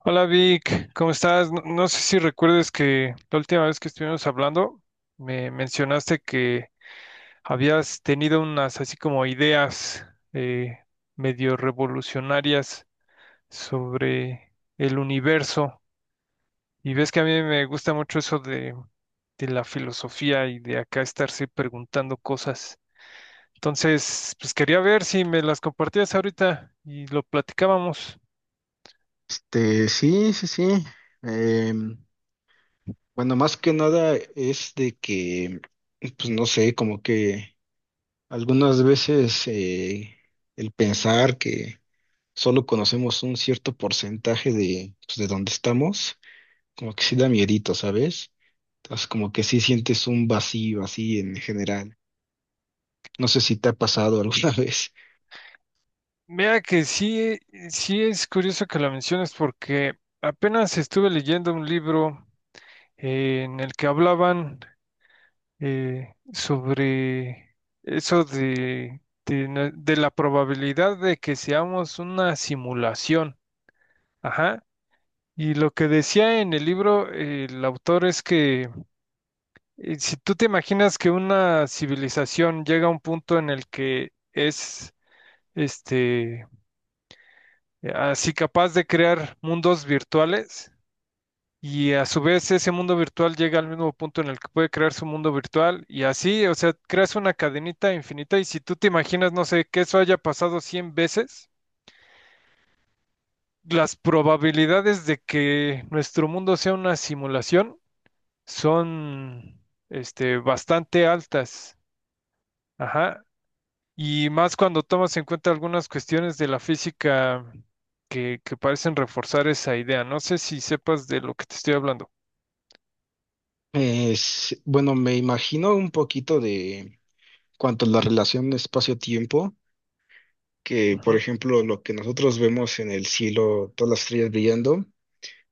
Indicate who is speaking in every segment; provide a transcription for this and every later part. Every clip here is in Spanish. Speaker 1: Hola Vic, ¿cómo estás? No, no sé si recuerdes que la última vez que estuvimos hablando me mencionaste que habías tenido unas así como ideas eh, medio revolucionarias sobre el universo y ves que a mí me gusta mucho eso de la filosofía y de acá estarse preguntando cosas. Entonces, pues quería ver si me las compartías ahorita y lo platicábamos.
Speaker 2: Sí, sí, sí. Em, bueno, más que nada es de que, pues no sé, como que algunas veces el pensar que solo conocemos un cierto porcentaje de, pues, de donde estamos, como que sí da miedito, ¿sabes? Entonces, como que sí sientes un vacío así en general. No sé si te ha pasado alguna vez.
Speaker 1: Mira que sí, sí es curioso que la menciones porque apenas estuve leyendo un libro en el que hablaban sobre eso de la probabilidad de que seamos una simulación. Ajá. Y lo que decía en el libro el autor es que si tú te imaginas que una civilización llega a un punto en el que es este así capaz de crear mundos virtuales y a su vez ese mundo virtual llega al mismo punto en el que puede crear su mundo virtual y así, o sea, creas una cadenita infinita y si tú te imaginas, no sé, que eso haya pasado 100 veces, las probabilidades de que nuestro mundo sea una simulación son, bastante altas. Ajá. Y más cuando tomas en cuenta algunas cuestiones de la física que parecen reforzar esa idea. No sé si sepas de lo que te estoy hablando.
Speaker 2: Es, bueno, me imagino un poquito de cuanto a la relación espacio-tiempo, que, por
Speaker 1: Ujú,
Speaker 2: ejemplo, lo que nosotros vemos en el cielo, todas las estrellas brillando,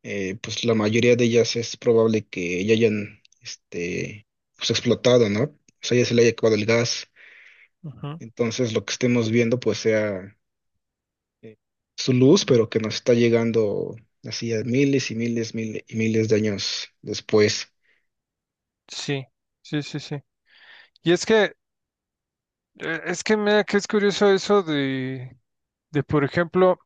Speaker 2: pues la mayoría de ellas es probable que ya hayan, este, pues explotado, ¿no? O sea, ya se le haya acabado el gas.
Speaker 1: ujú.
Speaker 2: Entonces, lo que estemos viendo, pues sea eh, su luz, pero que nos está llegando así a miles y miles de años después.
Speaker 1: Sí, sí, sí, sí. Y es que, es que mira que es curioso eso de, por ejemplo,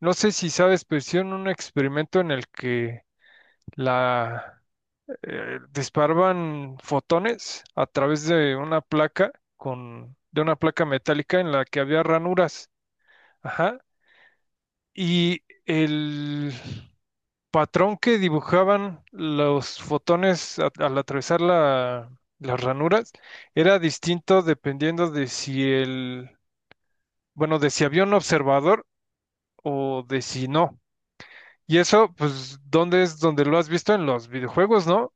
Speaker 1: no sé si sabes, pero hicieron un experimento en el que la disparaban fotones a través de una placa con, de una placa metálica en la que había ranuras. Ajá. Y el patrón que dibujaban los fotones al atravesar las ranuras era distinto dependiendo de si el, bueno, de si había un observador o de si no. Y eso, pues, ¿dónde es donde lo has visto en los videojuegos, no?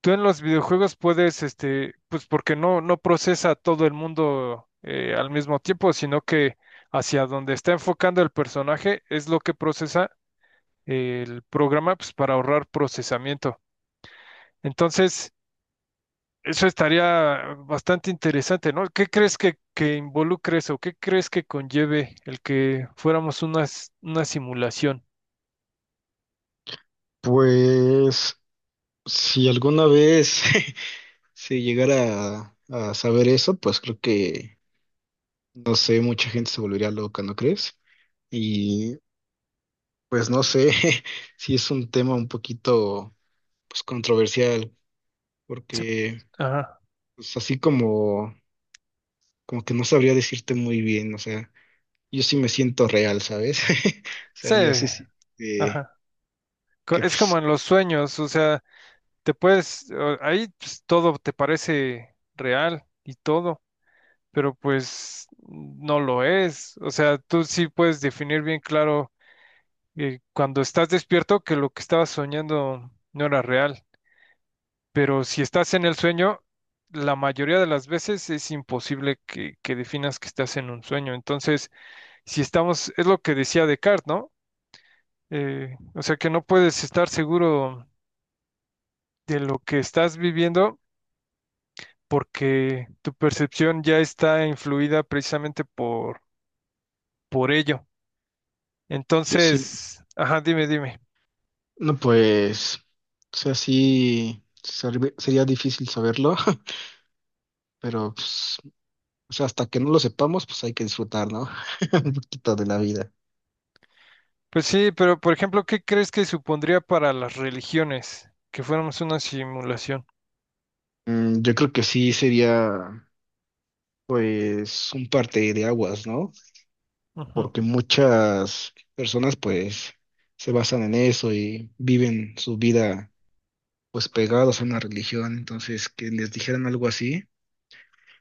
Speaker 1: Tú en los videojuegos puedes, pues porque no, no procesa todo el mundo al mismo tiempo, sino que hacia donde está enfocando el personaje es lo que procesa el programa pues, para ahorrar procesamiento. Entonces, eso estaría bastante interesante, ¿no? ¿Qué crees que involucre eso? ¿Qué crees que conlleve el que fuéramos una simulación?
Speaker 2: Pues, si alguna vez se llegara a saber eso, pues creo que no sé, mucha gente se volvería loca, ¿no crees? Y pues no sé si es un tema un poquito pues controversial,
Speaker 1: Sí,
Speaker 2: porque
Speaker 1: ajá.
Speaker 2: pues así como como que no sabría decirte muy bien, o sea, yo sí me siento real, ¿sabes? O sea,
Speaker 1: Sí,
Speaker 2: yo sí, sí eh,
Speaker 1: ajá.
Speaker 2: que
Speaker 1: Es
Speaker 2: pues
Speaker 1: como en los sueños, o sea, ahí pues, todo te parece real y todo, pero pues no lo es. O sea, tú sí puedes definir bien claro cuando estás despierto que lo que estabas soñando no era real. Pero si estás en el sueño, la mayoría de las veces es imposible que definas que estás en un sueño. Entonces, si estamos, es lo que decía Descartes, ¿no? O sea que no puedes estar seguro de lo que estás viviendo porque tu percepción ya está influida precisamente por ello.
Speaker 2: sí, sí,
Speaker 1: Entonces, ajá, dime, dime.
Speaker 2: no pues, o sea, sí sería difícil saberlo, pero pues, o sea, hasta que no lo sepamos, pues hay que disfrutar, ¿no? Un poquito de la vida.
Speaker 1: Pues sí, pero por ejemplo, ¿qué crees que supondría para las religiones que fuéramos una simulación?
Speaker 2: Mm, yo creo que sí sería, pues, un parte de aguas, ¿no?
Speaker 1: Ujú,
Speaker 2: Porque muchas personas, pues, se basan en eso y viven su vida, pues, pegados a una religión. Entonces, que les dijeran algo así,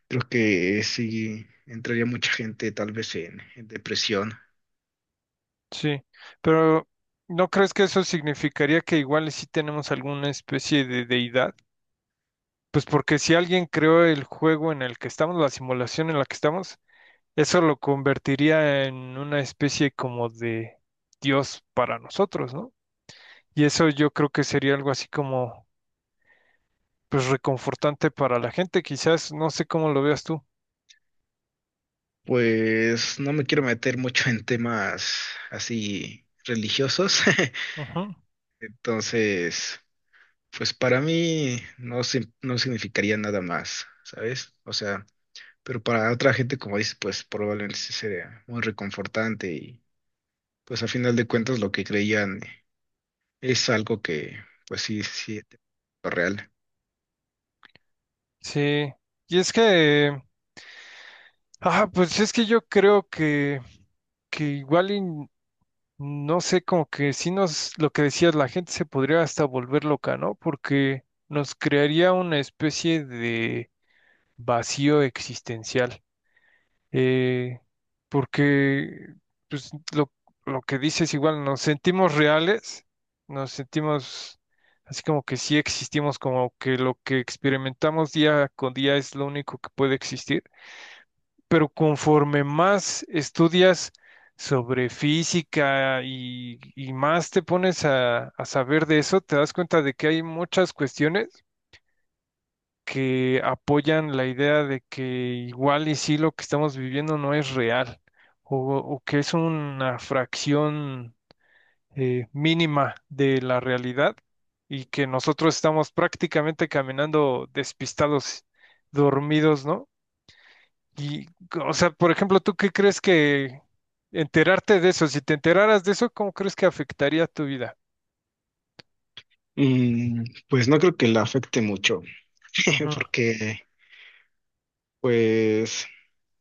Speaker 2: creo que sí entraría mucha gente, tal vez, en depresión.
Speaker 1: sí, pero ¿no crees que eso significaría que igual sí tenemos alguna especie de deidad? Pues porque si alguien creó el juego en el que estamos, la simulación en la que estamos, eso lo convertiría en una especie como de Dios para nosotros, ¿no? Y eso yo creo que sería algo así como, pues reconfortante para la gente, quizás, no sé cómo lo veas tú.
Speaker 2: Pues, no me quiero meter mucho en temas así religiosos.
Speaker 1: Ujú.
Speaker 2: Entonces, pues para mí no, no significaría nada más, ¿sabes? O sea, pero para otra gente, como dices, pues probablemente sí sería muy reconfortante y pues a final de cuentas lo que creían es algo que pues sí, sí, es real.
Speaker 1: Sí, y es que, ah, pues es que yo creo que igual y no sé, como que si nos, lo que decías, la gente se podría hasta volver loca, ¿no? Porque nos crearía una especie de vacío existencial. eh, Porque, pues, lo que dices igual, nos sentimos reales, nos sentimos así como que sí existimos, como que lo que experimentamos día con día es lo único que puede existir. Pero conforme más estudias sobre física y más te pones a saber de eso, te das cuenta de que hay muchas cuestiones que apoyan la idea de que igual y sí lo que estamos viviendo no es real o que es una fracción mínima de la realidad y que nosotros estamos prácticamente caminando despistados, dormidos, ¿no? Y, o sea, por ejemplo, ¿tú qué crees que enterarte de eso, si te enteraras de eso, ¿cómo crees que afectaría tu vida?
Speaker 2: Mm, pues no creo que la afecte mucho,
Speaker 1: Ujú,
Speaker 2: porque pues,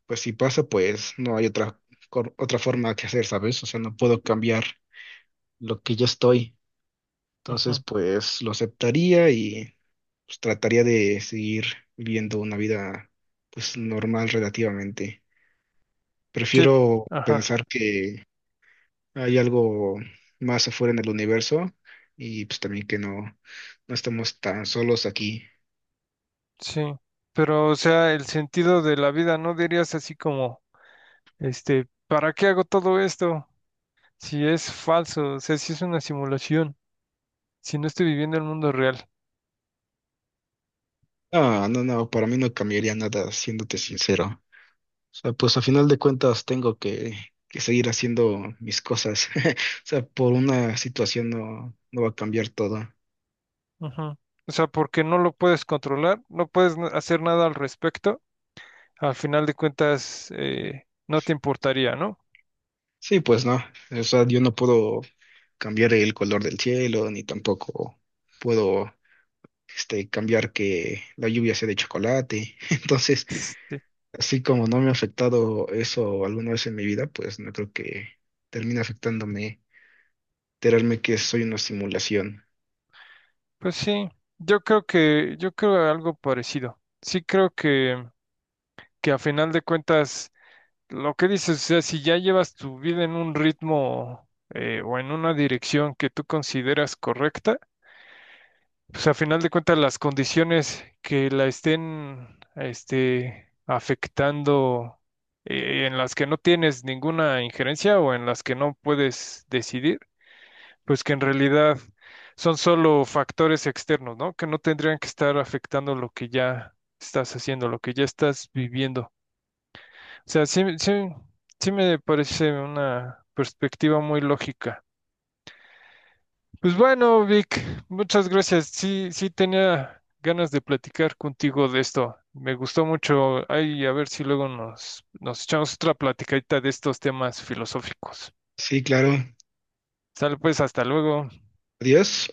Speaker 2: pues si pasa, pues no hay otra, otra forma que hacer, ¿sabes? O sea, no puedo cambiar lo que ya estoy. Entonces,
Speaker 1: ujú.
Speaker 2: pues lo aceptaría, pues trataría de seguir viviendo una vida pues normal relativamente.
Speaker 1: Sí,
Speaker 2: Prefiero
Speaker 1: ajá,
Speaker 2: pensar que hay algo más afuera en el universo y pues también que no, no estamos tan solos aquí.
Speaker 1: sí. Pero, o sea, el sentido de la vida, ¿no dirías así como, ¿para qué hago todo esto? Si es falso, o sea, si es una simulación, si no estoy viviendo el mundo real.
Speaker 2: No, no, no, para mí no cambiaría nada, siéndote sincero. O sea, pues a final de cuentas tengo que seguir haciendo mis cosas. O sea, por una situación no, no va a cambiar todo.
Speaker 1: Ujú. O sea, porque no lo puedes controlar, no puedes hacer nada al respecto, al final de cuentas, no te importaría, ¿no?
Speaker 2: Sí, pues no. O sea, yo no puedo cambiar el color del cielo, ni tampoco puedo cambiar que la lluvia sea de chocolate. Entonces, así como no me ha afectado eso alguna vez en mi vida, pues no creo que termine afectándome, enterarme que soy una simulación.
Speaker 1: Pues sí, yo creo algo parecido. Sí creo que, a final de cuentas, lo que dices, o sea, si ya llevas tu vida en un ritmo o en una dirección que tú consideras correcta, pues a final de cuentas las condiciones que la estén, afectando, en las que no tienes ninguna injerencia o en las que no puedes decidir pues que en realidad son solo factores externos, ¿no? Que no tendrían que estar afectando lo que ya estás haciendo, lo que ya estás viviendo. O sea, sí, sí, sí me parece una perspectiva muy lógica. Pues bueno, Vic, muchas gracias. Sí, sí tenía ganas de platicar contigo de esto. Me gustó mucho. Ay, a ver si luego nos echamos otra platicadita de estos temas filosóficos.
Speaker 2: Sí, claro.
Speaker 1: Sale pues, hasta luego.
Speaker 2: Adiós.